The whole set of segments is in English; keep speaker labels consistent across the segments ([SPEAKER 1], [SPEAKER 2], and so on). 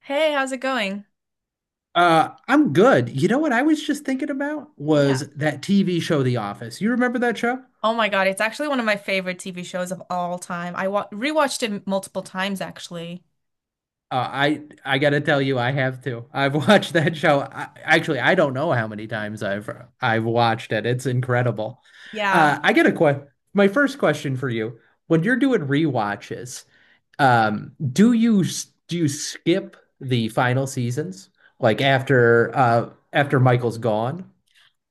[SPEAKER 1] Hey, how's it going?
[SPEAKER 2] I'm good. You know what I was just thinking about
[SPEAKER 1] Yeah.
[SPEAKER 2] was that TV show, The Office. You remember that show?
[SPEAKER 1] Oh my God, it's actually one of my favorite TV shows of all time. I wa rewatched it multiple times, actually.
[SPEAKER 2] I gotta tell you, I have to. I've watched that show. I, actually, I don't know how many times I've watched it. It's incredible.
[SPEAKER 1] Yeah.
[SPEAKER 2] I get a que My first question for you. When you're doing rewatches, do you do you skip the final seasons? Like after Michael's gone?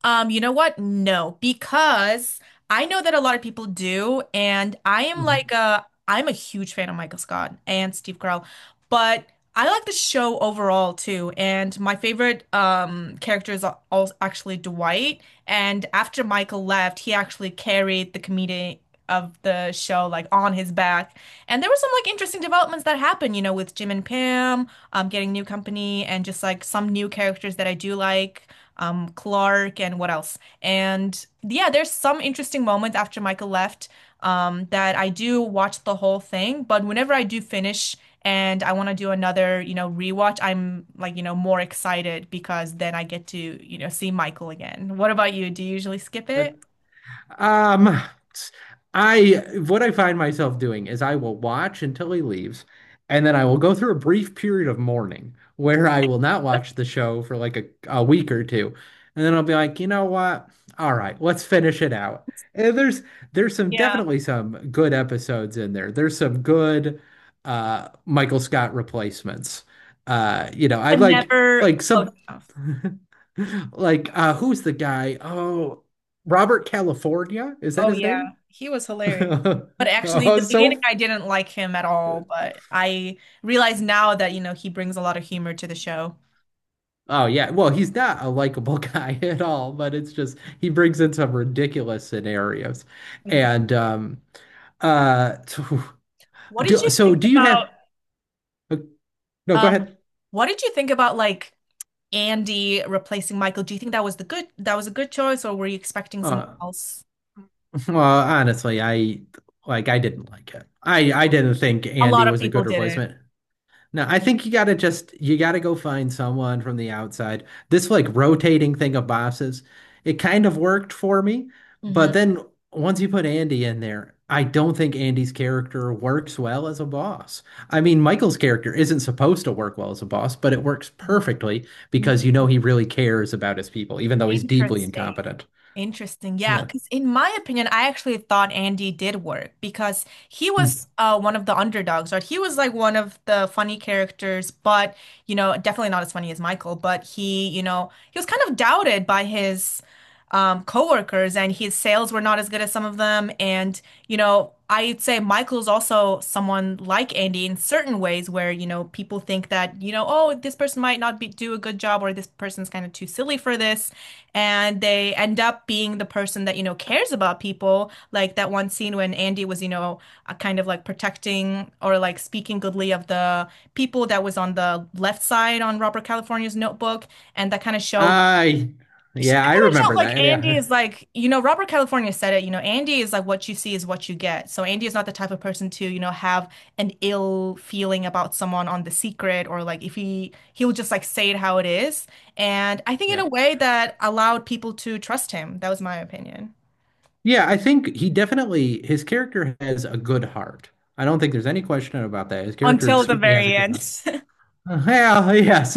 [SPEAKER 1] You know what? No, because I know that a lot of people do, and I am
[SPEAKER 2] Mhm.
[SPEAKER 1] like a I'm a huge fan of Michael Scott and Steve Carell, but I like the show overall too. And my favorite character is also actually Dwight. And after Michael left, he actually carried the comedian of the show like on his back. And there were some like interesting developments that happened, you know, with Jim and Pam, getting new company and just like some new characters that I do like, Clark. And what else? And yeah, there's some interesting moments after Michael left, that I do watch the whole thing. But whenever I do finish and I want to do another, you know, rewatch, I'm like, you know, more excited because then I get to, you know, see Michael again. What about you? Do you usually skip it?
[SPEAKER 2] Um, I what I find myself doing is I will watch until he leaves, and then I will go through a brief period of mourning where I will not watch the show for like a week or two. And then I'll be like, you know what? All right, let's finish it out. And there's some
[SPEAKER 1] Yeah.
[SPEAKER 2] definitely some good episodes in there. There's some good Michael Scott replacements. You know, I
[SPEAKER 1] But
[SPEAKER 2] like
[SPEAKER 1] never
[SPEAKER 2] like
[SPEAKER 1] close
[SPEAKER 2] some.
[SPEAKER 1] enough.
[SPEAKER 2] Like, who's the guy? Oh, Robert California? Is that
[SPEAKER 1] Oh
[SPEAKER 2] his
[SPEAKER 1] yeah.
[SPEAKER 2] name?
[SPEAKER 1] He was hilarious. But actually,
[SPEAKER 2] Oh,
[SPEAKER 1] the beginning,
[SPEAKER 2] so.
[SPEAKER 1] I didn't like him at all, but I realize now that, you know, he brings a lot of humor to the show.
[SPEAKER 2] Oh, yeah. Well, he's not a likable guy at all, but it's just he brings in some ridiculous scenarios.
[SPEAKER 1] Exactly.
[SPEAKER 2] And, so
[SPEAKER 1] What did
[SPEAKER 2] do,
[SPEAKER 1] you
[SPEAKER 2] so
[SPEAKER 1] think
[SPEAKER 2] do you
[SPEAKER 1] about
[SPEAKER 2] have. Uh, No, go
[SPEAKER 1] um
[SPEAKER 2] ahead.
[SPEAKER 1] what did you think about like Andy replacing Michael? Do you think that was the good that was a good choice, or were you expecting someone
[SPEAKER 2] Uh,
[SPEAKER 1] else?
[SPEAKER 2] well, honestly, I I didn't like it. I didn't think
[SPEAKER 1] A
[SPEAKER 2] Andy
[SPEAKER 1] lot of
[SPEAKER 2] was a
[SPEAKER 1] people
[SPEAKER 2] good
[SPEAKER 1] did
[SPEAKER 2] replacement. No, I think you gotta just you gotta go find someone from the outside. This like rotating thing of bosses, it kind of worked for me, but
[SPEAKER 1] it.
[SPEAKER 2] then once you put Andy in there, I don't think Andy's character works well as a boss. I mean, Michael's character isn't supposed to work well as a boss, but it works perfectly because you know
[SPEAKER 1] hmm
[SPEAKER 2] he really cares about his people, even though he's deeply
[SPEAKER 1] Interesting.
[SPEAKER 2] incompetent.
[SPEAKER 1] Interesting. Yeah,
[SPEAKER 2] Yeah.
[SPEAKER 1] because in my opinion, I actually thought Andy did work because he was
[SPEAKER 2] Hmm.
[SPEAKER 1] one of the underdogs, right? He was like one of the funny characters, but, you know, definitely not as funny as Michael. But he, you know, he was kind of doubted by his, coworkers, and his sales were not as good as some of them. And, you know, I'd say Michael's also someone like Andy in certain ways where, you know, people think that, you know, oh, this person might not be do a good job, or this person's kind of too silly for this, and they end up being the person that, you know, cares about people. Like that one scene when Andy was, you know, kind of like protecting or like speaking goodly of the people that was on the left side on Robert California's notebook. And that kind of showed,
[SPEAKER 2] I,
[SPEAKER 1] I
[SPEAKER 2] yeah, I
[SPEAKER 1] kind of felt
[SPEAKER 2] remember
[SPEAKER 1] like
[SPEAKER 2] that.
[SPEAKER 1] Andy
[SPEAKER 2] Yeah.
[SPEAKER 1] is like, you know, Robert California said it, you know, Andy is like what you see is what you get. So Andy is not the type of person to, you know, have an ill feeling about someone on The Secret, or like if he he'll just like say it how it is. And I think in
[SPEAKER 2] Yeah.
[SPEAKER 1] a way that allowed people to trust him. That was my opinion.
[SPEAKER 2] Yeah, I think he definitely, his character has a good heart. I don't think there's any question about that. His character
[SPEAKER 1] Until the
[SPEAKER 2] certainly has a
[SPEAKER 1] very
[SPEAKER 2] good
[SPEAKER 1] end.
[SPEAKER 2] heart. Well, yes.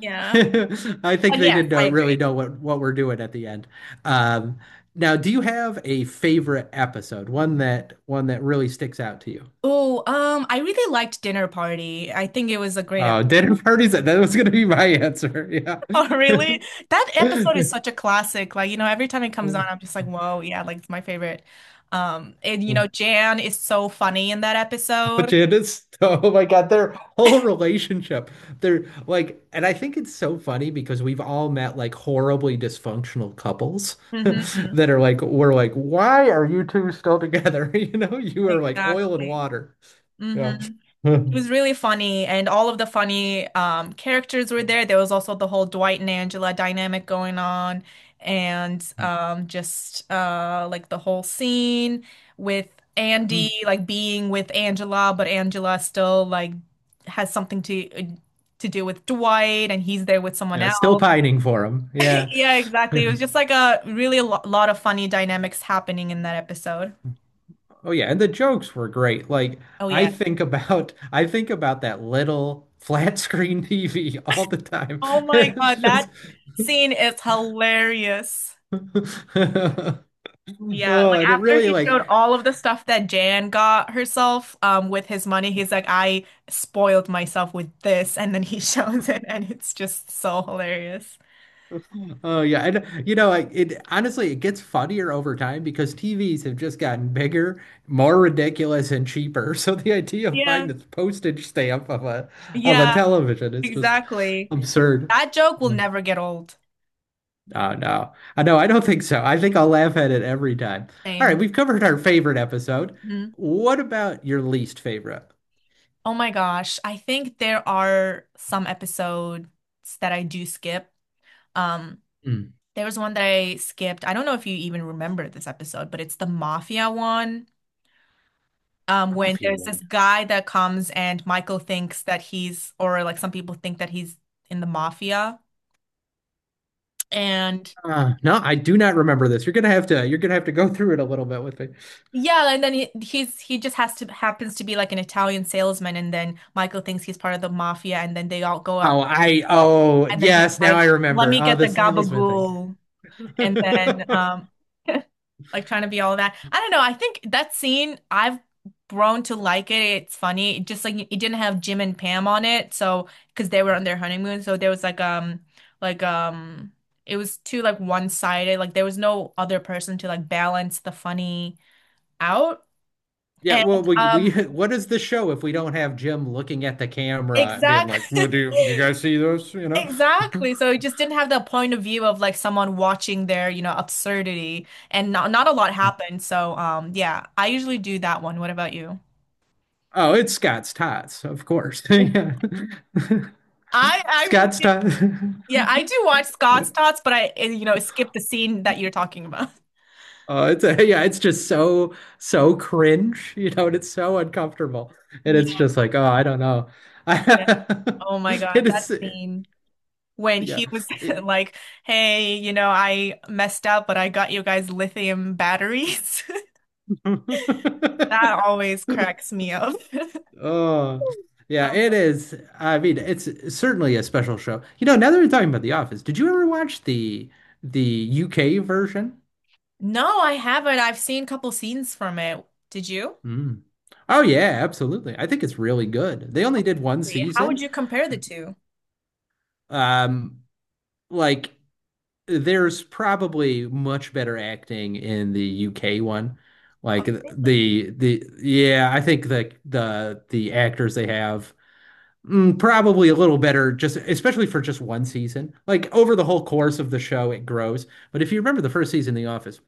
[SPEAKER 1] Yeah.
[SPEAKER 2] I think
[SPEAKER 1] But
[SPEAKER 2] they
[SPEAKER 1] yes,
[SPEAKER 2] didn't
[SPEAKER 1] I
[SPEAKER 2] really
[SPEAKER 1] agree.
[SPEAKER 2] know what we're doing at the end. Um, now, do you have a favorite episode? One that really sticks out to you?
[SPEAKER 1] Oh, I really liked Dinner Party. I think it was a great episode.
[SPEAKER 2] Dinner parties. That was going to be my answer.
[SPEAKER 1] Oh, really? That episode is such a classic. Like, you know, every time it comes on,
[SPEAKER 2] Yeah.
[SPEAKER 1] I'm just like, whoa, yeah, like it's my favorite. And you know, Jan is so funny in that episode.
[SPEAKER 2] Janice, oh my God, their whole relationship. They're like, and I think it's so funny because we've all met like horribly dysfunctional couples
[SPEAKER 1] hmm
[SPEAKER 2] that are like, we're like, why are you two still together? You know, you are like oil and
[SPEAKER 1] Exactly.
[SPEAKER 2] water.
[SPEAKER 1] hmm
[SPEAKER 2] Yeah.
[SPEAKER 1] It was really funny, and all of the funny, characters were there. There was also the whole Dwight and Angela dynamic going on, and just like the whole scene with Andy like being with Angela, but Angela still like has something to, to do with Dwight, and he's there with someone
[SPEAKER 2] Yeah, still
[SPEAKER 1] else.
[SPEAKER 2] pining for him. Yeah.
[SPEAKER 1] Yeah, exactly. It
[SPEAKER 2] Yeah.
[SPEAKER 1] was just like a really lot of funny dynamics happening in that episode.
[SPEAKER 2] Oh yeah, and the jokes were great. Like
[SPEAKER 1] Oh yeah.
[SPEAKER 2] I think about that little flat screen TV all the time.
[SPEAKER 1] Oh my
[SPEAKER 2] It's
[SPEAKER 1] God, that
[SPEAKER 2] just.
[SPEAKER 1] scene is hilarious. Yeah,
[SPEAKER 2] Oh,
[SPEAKER 1] like
[SPEAKER 2] and it
[SPEAKER 1] after
[SPEAKER 2] really
[SPEAKER 1] he
[SPEAKER 2] like,
[SPEAKER 1] showed all of the stuff that Jan got herself, with his money, he's like, I spoiled myself with this, and then he shows it, and it's just so hilarious.
[SPEAKER 2] oh yeah, and you know, like it honestly, it gets funnier over time because TVs have just gotten bigger, more ridiculous, and cheaper. So the idea of
[SPEAKER 1] Yeah.
[SPEAKER 2] buying this postage stamp of a
[SPEAKER 1] Yeah,
[SPEAKER 2] television is just
[SPEAKER 1] exactly.
[SPEAKER 2] absurd.
[SPEAKER 1] That joke will
[SPEAKER 2] Mm.
[SPEAKER 1] never get old.
[SPEAKER 2] Oh no, I know, I don't think so. I think I'll laugh at it every time. All right,
[SPEAKER 1] Same.
[SPEAKER 2] we've covered our favorite episode.
[SPEAKER 1] Mhm.
[SPEAKER 2] What about your least favorite?
[SPEAKER 1] Oh my gosh. I think there are some episodes that I do skip. Um,
[SPEAKER 2] Mm,
[SPEAKER 1] there was one that I skipped. I don't know if you even remember this episode, but it's the mafia one.
[SPEAKER 2] I'll
[SPEAKER 1] When
[SPEAKER 2] feel
[SPEAKER 1] there's this
[SPEAKER 2] one.
[SPEAKER 1] guy that comes and Michael thinks that he's, or like some people think that he's in the mafia. And
[SPEAKER 2] No, I do not remember this. You're gonna have to go through it a little bit with me.
[SPEAKER 1] Yeah, and then he just has to happens to be like an Italian salesman, and then Michael thinks he's part of the mafia, and then they all go
[SPEAKER 2] Oh,
[SPEAKER 1] up,
[SPEAKER 2] I oh
[SPEAKER 1] and then he's
[SPEAKER 2] yes, now
[SPEAKER 1] like,
[SPEAKER 2] I
[SPEAKER 1] "Let
[SPEAKER 2] remember.
[SPEAKER 1] me
[SPEAKER 2] Oh,
[SPEAKER 1] get the
[SPEAKER 2] the salesman thing.
[SPEAKER 1] gabagool," and then like trying to be all of that. I don't know. I think that scene, I've grown to like it. It's funny. It just like it didn't have Jim and Pam on it, so because they were on their honeymoon. So there was like like um it was too like one-sided. Like there was no other person to like balance the funny out.
[SPEAKER 2] Yeah,
[SPEAKER 1] And
[SPEAKER 2] well, we
[SPEAKER 1] um
[SPEAKER 2] what is the show if we don't have Jim looking at the camera and being
[SPEAKER 1] exactly.
[SPEAKER 2] like, well, do you guys see this? You know?
[SPEAKER 1] Exactly. So it just didn't have the point of view of like someone watching their, you know, absurdity, and not a lot happened. So yeah, I usually do that one. What about you?
[SPEAKER 2] Oh, it's Scott's Tots, of course. Yeah.
[SPEAKER 1] I
[SPEAKER 2] Scott's
[SPEAKER 1] actually,
[SPEAKER 2] Tots.
[SPEAKER 1] yeah, I do watch Scott's Tots, but I, eh, you know, skip the scene that you're talking about.
[SPEAKER 2] Oh, it's a, yeah, it's just so cringe, you know, and it's so uncomfortable. And
[SPEAKER 1] Yeah,
[SPEAKER 2] it's just like, oh, I don't know.
[SPEAKER 1] yeah. Oh my God,
[SPEAKER 2] It
[SPEAKER 1] that
[SPEAKER 2] is,
[SPEAKER 1] scene when
[SPEAKER 2] yeah.
[SPEAKER 1] he was
[SPEAKER 2] It,
[SPEAKER 1] like, "Hey, you know, I messed up, but I got you guys lithium batteries." That always cracks me up.
[SPEAKER 2] oh, yeah,
[SPEAKER 1] Um,
[SPEAKER 2] it is. I mean, it's certainly a special show. You know, now that we're talking about The Office, did you ever watch the UK version?
[SPEAKER 1] no, I haven't. I've seen a couple scenes from it. Did you?
[SPEAKER 2] Mm. Oh yeah, absolutely. I think it's really good. They only did one
[SPEAKER 1] Wait, how would
[SPEAKER 2] season.
[SPEAKER 1] you compare the two?
[SPEAKER 2] Um, like there's probably much better acting in the UK one.
[SPEAKER 1] Oh,
[SPEAKER 2] Like
[SPEAKER 1] really?
[SPEAKER 2] the yeah, I think the actors they have. Mm, probably a little better, just especially for just one season. Like over the whole course of the show, it grows. But if you remember the first season of The Office,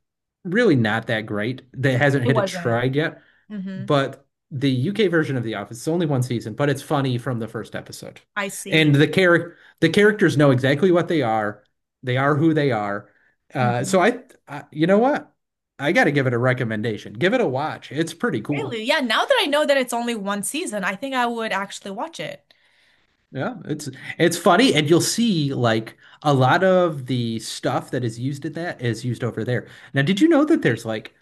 [SPEAKER 2] really not that great. That hasn't
[SPEAKER 1] It
[SPEAKER 2] hit its
[SPEAKER 1] wasn't.
[SPEAKER 2] stride yet.
[SPEAKER 1] hmm
[SPEAKER 2] But the UK version of The Office is only one season, but it's funny from the first episode.
[SPEAKER 1] I see.
[SPEAKER 2] And the characters know exactly what they are. They are who they are. Uh, so
[SPEAKER 1] Mm-hmm.
[SPEAKER 2] I, you know what? I got to give it a recommendation. Give it a watch. It's pretty cool.
[SPEAKER 1] Really? Yeah, now that I know that it's only one season, I think I would actually watch it.
[SPEAKER 2] Yeah, it's funny, and you'll see like a lot of the stuff that is used in that is used over there. Now, did you know that
[SPEAKER 1] Right.
[SPEAKER 2] there's like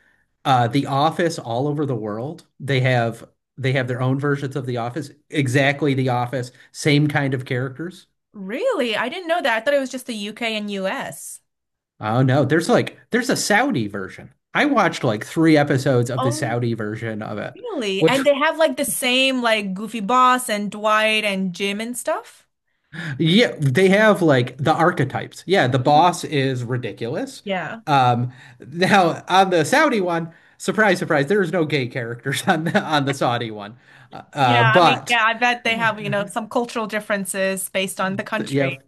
[SPEAKER 2] The Office all over the world? They have their own versions of The Office, exactly The Office, same kind of characters.
[SPEAKER 1] Really? I didn't know that. I thought it was just the UK and US.
[SPEAKER 2] Oh no, there's a Saudi version. I watched like three episodes of the
[SPEAKER 1] Oh,
[SPEAKER 2] Saudi version of it,
[SPEAKER 1] really?
[SPEAKER 2] which.
[SPEAKER 1] And they have like the same like Goofy Boss and Dwight and Jim and stuff?
[SPEAKER 2] Yeah, they have like the archetypes. Yeah, the
[SPEAKER 1] Mhm.
[SPEAKER 2] boss is ridiculous.
[SPEAKER 1] Yeah.
[SPEAKER 2] Um, now on the Saudi one, surprise, surprise, there's no gay characters on the Saudi one.
[SPEAKER 1] Yeah, I mean,
[SPEAKER 2] But
[SPEAKER 1] yeah, I bet they
[SPEAKER 2] th-
[SPEAKER 1] have, you know, some cultural differences based on the
[SPEAKER 2] yeah,
[SPEAKER 1] country.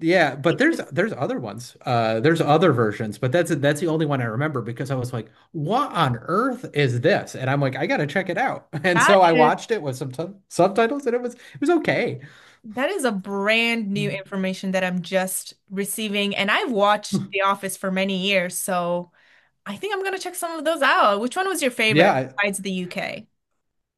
[SPEAKER 2] yeah, but there's
[SPEAKER 1] Interesting.
[SPEAKER 2] there's other ones. There's other versions, but that's the only one I remember because I was like, what on earth is this? And I'm like, I gotta check it out. And
[SPEAKER 1] That
[SPEAKER 2] so I
[SPEAKER 1] is
[SPEAKER 2] watched it with some subtitles, and it was okay.
[SPEAKER 1] that is a brand new information that I'm just receiving, and I've watched The Office for many years, so I think I'm gonna check some of those out. Which one was your favorite
[SPEAKER 2] Yeah,
[SPEAKER 1] besides the UK?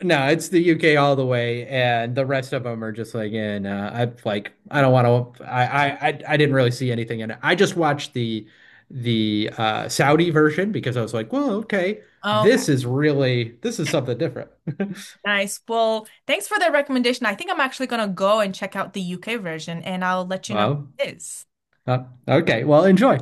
[SPEAKER 2] no, it's the UK all the way, and the rest of them are just like, and nah, I like, I don't want to. I didn't really see anything in it. I just watched the Saudi version because I was like, well, okay,
[SPEAKER 1] Okay,
[SPEAKER 2] this is something different.
[SPEAKER 1] nice. Well, thanks for the recommendation. I think I'm actually gonna go and check out the UK version, and I'll let you know
[SPEAKER 2] Well,
[SPEAKER 1] how it is.
[SPEAKER 2] uh, okay, well, enjoy.